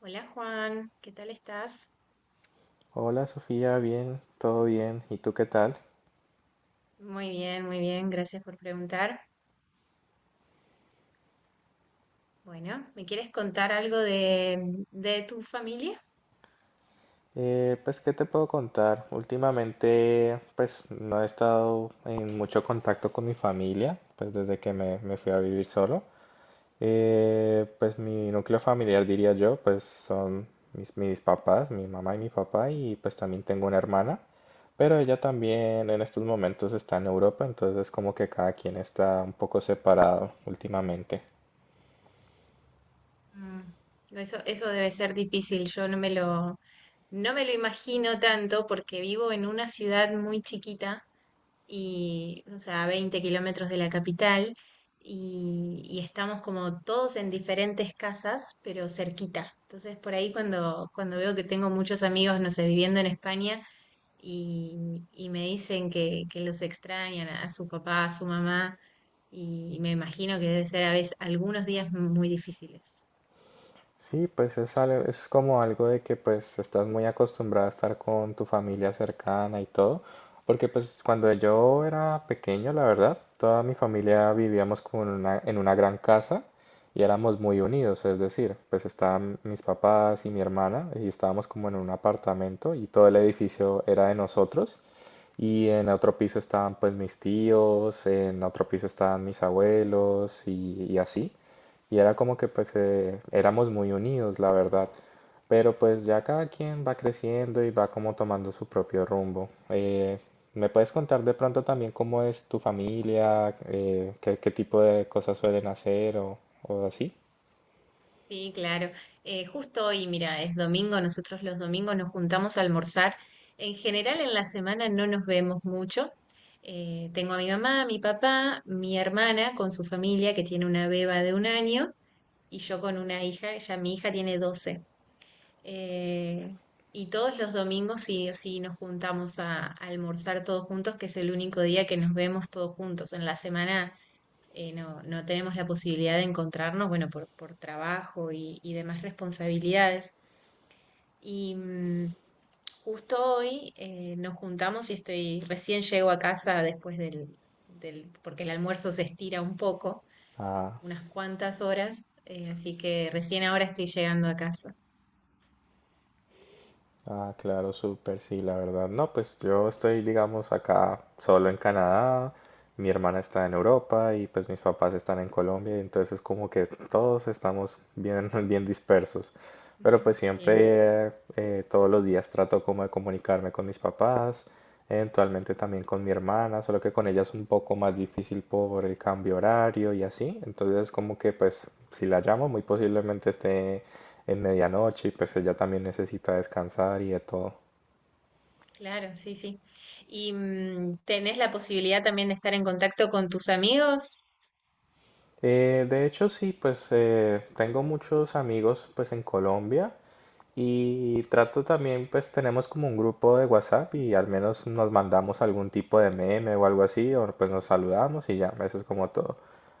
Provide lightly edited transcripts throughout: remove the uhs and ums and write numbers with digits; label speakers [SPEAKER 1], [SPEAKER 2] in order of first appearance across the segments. [SPEAKER 1] Hola Juan, ¿qué tal estás?
[SPEAKER 2] Hola Sofía, bien, todo bien. ¿Y tú qué tal?
[SPEAKER 1] Muy bien, gracias por preguntar. Bueno, ¿me quieres contar algo de tu familia?
[SPEAKER 2] ¿Qué te puedo contar? Últimamente, pues, no he estado en mucho contacto con mi familia, pues, desde que me fui a vivir solo. Mi núcleo familiar, diría yo, pues, son mis papás, mi mamá y mi papá, y pues también tengo una hermana, pero ella también en estos momentos está en Europa, entonces como que cada quien está un poco separado últimamente.
[SPEAKER 1] Mm. Eso debe ser difícil, yo no me no me lo imagino tanto porque vivo en una ciudad muy chiquita y, o sea, a 20 kilómetros de la capital y estamos como todos en diferentes casas, pero cerquita. Entonces, por ahí cuando veo que tengo muchos amigos, no sé, viviendo en España, y me dicen que los extrañan a su papá, a su mamá, y me imagino que debe ser a veces algunos días muy difíciles.
[SPEAKER 2] Sí, pues es como algo de que pues estás muy acostumbrado a estar con tu familia cercana y todo, porque pues cuando yo era pequeño, la verdad, toda mi familia vivíamos como en una gran casa y éramos muy unidos, es decir, pues estaban mis papás y mi hermana y estábamos como en un apartamento y todo el edificio era de nosotros. Y en otro piso estaban pues mis tíos, en otro piso estaban mis abuelos y así. Y era como que pues éramos muy unidos, la verdad. Pero pues ya cada quien va creciendo y va como tomando su propio rumbo. ¿Me puedes contar de pronto también cómo es tu familia? Qué tipo de cosas suelen hacer o así?
[SPEAKER 1] Sí, claro. Justo hoy, mira, es domingo, nosotros los domingos nos juntamos a almorzar. En general en la semana no nos vemos mucho. Tengo a mi mamá, a mi papá, mi hermana con su familia que tiene una beba de 1 año y yo con una hija, ya mi hija tiene 12. Eh, y todos los domingos sí o sí nos juntamos a almorzar todos juntos, que es el único día que nos vemos todos juntos. En la semana no tenemos la posibilidad de encontrarnos, bueno, por trabajo y demás responsabilidades. Y justo hoy nos juntamos y estoy, recién llego a casa después porque el almuerzo se estira un poco,
[SPEAKER 2] Ah.
[SPEAKER 1] unas cuantas horas, así que recién ahora estoy llegando a casa.
[SPEAKER 2] Ah, claro, súper, sí, la verdad. No, pues yo estoy, digamos, acá solo en Canadá, mi hermana está en Europa y pues mis papás están en Colombia, y entonces como que todos estamos bien, bien dispersos. Pero pues
[SPEAKER 1] Sí.
[SPEAKER 2] siempre, todos los días trato como de comunicarme con mis papás, eventualmente también con mi hermana, solo que con ella es un poco más difícil por el cambio horario y así. Entonces como que pues si la llamo muy posiblemente esté en medianoche y pues ella también necesita descansar y de todo.
[SPEAKER 1] Claro, sí, sí. ¿Y tenés la posibilidad también de estar en contacto con tus amigos?
[SPEAKER 2] De hecho, sí, pues tengo muchos amigos pues en Colombia. Y trato también, pues tenemos como un grupo de WhatsApp y al menos nos mandamos algún tipo de meme o algo así, o pues nos saludamos y ya, eso es como todo.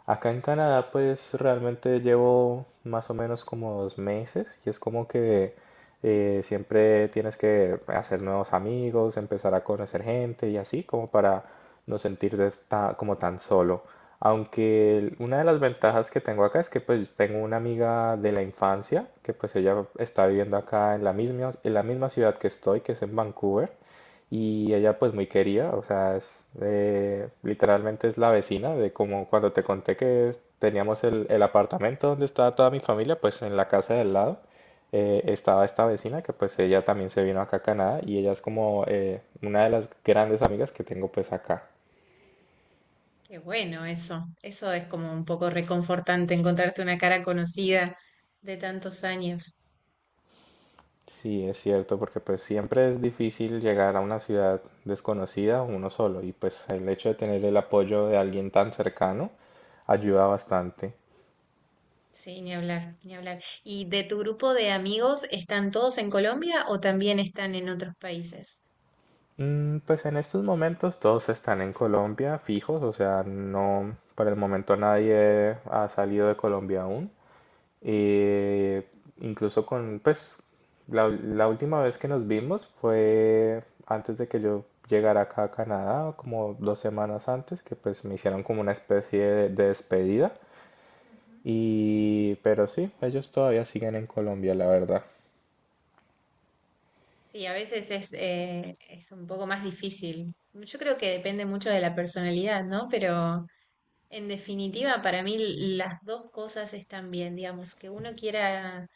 [SPEAKER 2] Acá en Canadá, pues realmente llevo más o menos como dos meses y es como que siempre tienes que hacer nuevos amigos, empezar a conocer gente y así, como para no sentirte esta- como tan solo. Una de las ventajas que tengo acá es que pues tengo una amiga de la infancia que pues ella está viviendo acá en la misma ciudad que estoy, que es en Vancouver, y ella pues muy querida, o sea, es, literalmente es la vecina de como cuando te conté teníamos el apartamento donde estaba toda mi familia, pues en la casa del lado estaba esta vecina que pues ella también se vino acá a Canadá y ella es como una de las grandes amigas que tengo pues acá.
[SPEAKER 1] Qué bueno eso. Eso es como un poco reconfortante, encontrarte una cara conocida de tantos años.
[SPEAKER 2] Sí, es cierto, porque pues siempre es difícil llegar a una ciudad desconocida uno solo y pues el hecho de tener el apoyo de alguien tan cercano ayuda bastante.
[SPEAKER 1] Sí, ni hablar, ni hablar. ¿Y de tu grupo de amigos están todos en Colombia o también están en otros países?
[SPEAKER 2] Mm, pues en estos momentos todos están en Colombia fijos, o sea, no, por el momento nadie ha salido de Colombia aún. Eh, incluso con, pues, la última vez que nos vimos fue antes de que yo llegara acá a Canadá, como dos semanas antes, que pues me hicieron como una especie de despedida.
[SPEAKER 1] Ujú.
[SPEAKER 2] Y, pero sí, ellos todavía siguen en Colombia, la verdad.
[SPEAKER 1] Sí, a veces es un poco más difícil. Yo creo que depende mucho de la personalidad, ¿no? Pero en definitiva, para mí las dos cosas están bien, digamos, que uno quiera,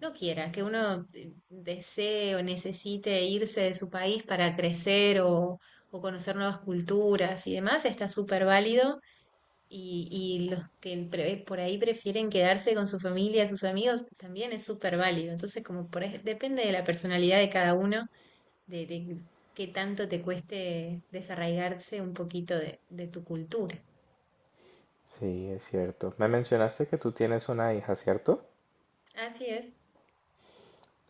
[SPEAKER 1] no quiera, que uno desee o necesite irse de su país para crecer o conocer nuevas culturas y demás, está súper válido. Y los que pre- por ahí prefieren quedarse con su familia, sus amigos, también es súper válido. Entonces, como por ahí, depende de la personalidad de cada uno, de qué tanto te cueste desarraigarse un poquito de tu cultura.
[SPEAKER 2] Sí, es cierto. Me mencionaste que tú tienes una hija, ¿cierto?
[SPEAKER 1] Así es.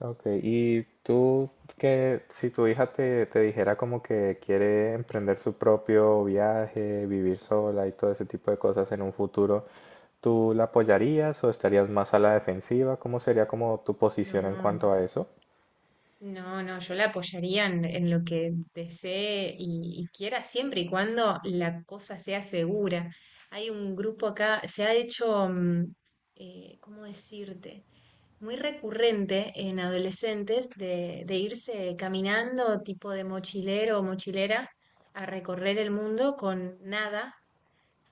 [SPEAKER 2] Ok, y tú, que si tu hija te dijera como que quiere emprender su propio viaje, vivir sola y todo ese tipo de cosas en un futuro, ¿tú la apoyarías o estarías más a la defensiva? ¿Cómo sería como tu
[SPEAKER 1] No,
[SPEAKER 2] posición en
[SPEAKER 1] no,
[SPEAKER 2] cuanto a eso?
[SPEAKER 1] no, yo la apoyaría en lo que desee y quiera siempre y cuando la cosa sea segura. Hay un grupo acá, se ha hecho, mm, ¿cómo decirte? Muy recurrente en adolescentes de irse caminando tipo de mochilero o mochilera a recorrer el mundo con nada.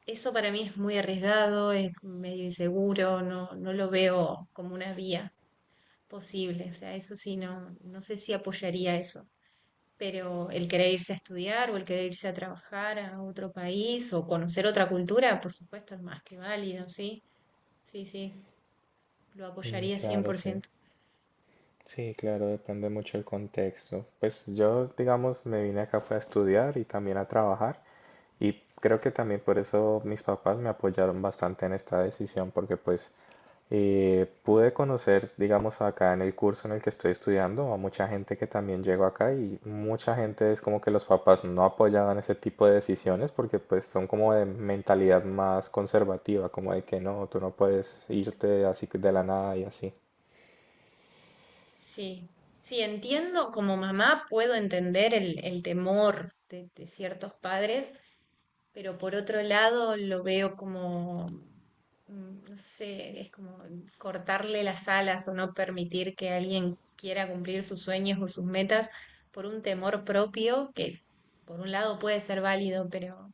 [SPEAKER 1] Eso para mí es muy arriesgado, es medio inseguro, no lo veo como una vía posible. O sea, eso sí, no sé si apoyaría eso. Pero el querer irse a estudiar o el querer irse a trabajar a otro país o conocer otra cultura, por supuesto, es más que válido, ¿sí? Sí, sí, lo
[SPEAKER 2] Mm,
[SPEAKER 1] apoyaría
[SPEAKER 2] claro, sí.
[SPEAKER 1] 100%.
[SPEAKER 2] Sí, claro, depende mucho el contexto. Pues yo, digamos, me vine acá fue a estudiar y también a trabajar y creo que también por eso mis papás me apoyaron bastante en esta decisión porque pues pude conocer, digamos, acá en el curso en el que estoy estudiando, a mucha gente que también llegó acá, y mucha gente es como que los papás no apoyaban ese tipo de decisiones porque pues son como de mentalidad más conservativa, como de que no, tú no puedes
[SPEAKER 1] Ujú.
[SPEAKER 2] irte así de la nada y así.
[SPEAKER 1] Sí, sí, entiendo, como mamá puedo entender el temor de ciertos padres pero por otro lado lo veo como mm, no sé, es como cortarle las alas o no permitir que alguien quiera cumplir sus sueños o sus metas por un temor propio que por un lado puede ser válido, pero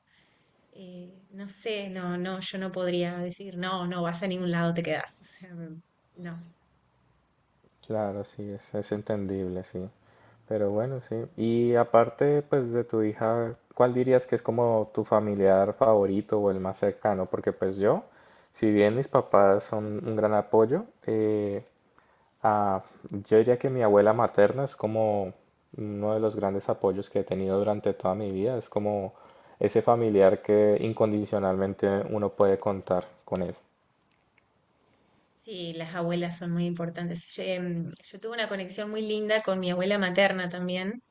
[SPEAKER 1] no sé, no, no, yo no podría decir, no, no vas a ningún lado, te quedás. O sea, mm, no.
[SPEAKER 2] Claro, sí, es entendible, sí. Pero bueno, sí. Y aparte, pues de tu hija, ¿cuál dirías que es como tu familiar favorito o el más cercano? Porque pues yo, si bien mis papás son un gran apoyo, ah, yo diría que mi abuela materna es como uno de los grandes apoyos que he tenido durante toda mi vida. Es como ese familiar que incondicionalmente uno puede contar con él.
[SPEAKER 1] Sí, las abuelas son muy importantes. Yo, em, yo tuve una conexión muy linda con mi abuela materna también.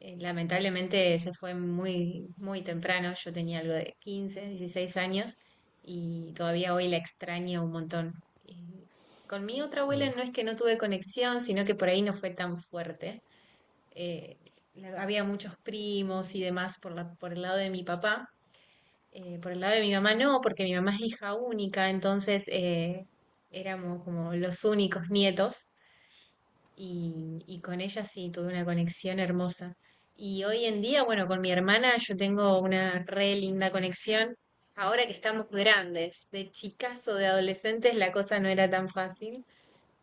[SPEAKER 1] Lamentablemente se fue muy, muy temprano, yo tenía algo de 15, 16 años y todavía hoy la extraño un montón. Y con mi otra abuela
[SPEAKER 2] Mm.
[SPEAKER 1] no es que no tuve conexión, sino que por ahí no fue tan fuerte. Eh, la- había muchos primos y demás por por el lado de mi papá. Por el lado de mi mamá no, porque mi mamá es hija única, entonces éramos como los únicos nietos y con ella sí tuve una conexión hermosa. Y hoy en día, bueno, con mi hermana yo tengo una re linda conexión. Ahora que estamos grandes, de chicas o de adolescentes, la cosa no era tan fácil,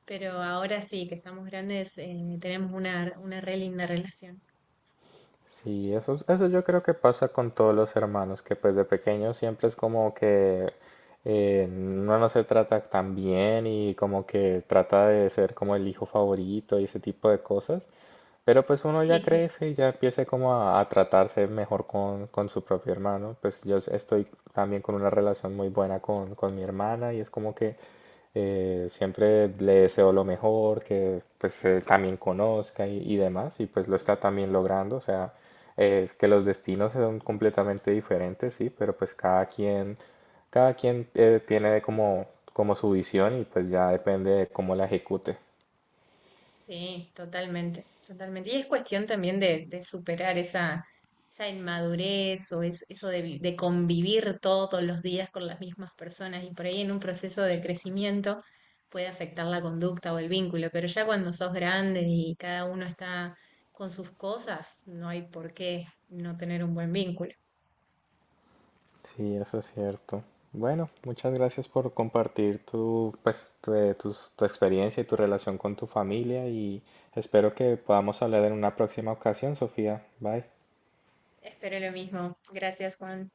[SPEAKER 1] pero ahora sí que estamos grandes, tenemos una re linda relación.
[SPEAKER 2] Sí, eso yo creo que pasa con todos los hermanos, que pues de pequeños siempre es como que uno no se trata tan bien y como que trata de ser como el hijo favorito y ese tipo de cosas. Pero pues uno ya
[SPEAKER 1] Sí.
[SPEAKER 2] crece y ya empieza como a tratarse mejor con su propio hermano. Estoy también con una relación muy buena con mi hermana y es como que siempre le deseo lo mejor, que pues también conozca y demás, y pues lo está también logrando, o sea, es que los destinos son completamente diferentes, sí, pero pues cada quien tiene como, como su visión y pues ya depende de cómo la ejecute.
[SPEAKER 1] Sí, totalmente, totalmente. Y es cuestión también de superar esa, esa inmadurez o es, eso de, vi- de convivir todos los días con las mismas personas y por ahí en un proceso de crecimiento puede afectar la conducta o el vínculo, pero ya cuando sos grande y cada uno está con sus cosas, no hay por qué no tener un buen vínculo.
[SPEAKER 2] Sí, eso es cierto. Bueno, muchas gracias por compartir tu, pues, tu experiencia y tu relación con tu familia y espero que podamos hablar en una próxima ocasión, Sofía. Bye.
[SPEAKER 1] Espero lo mismo. Gracias, Juan.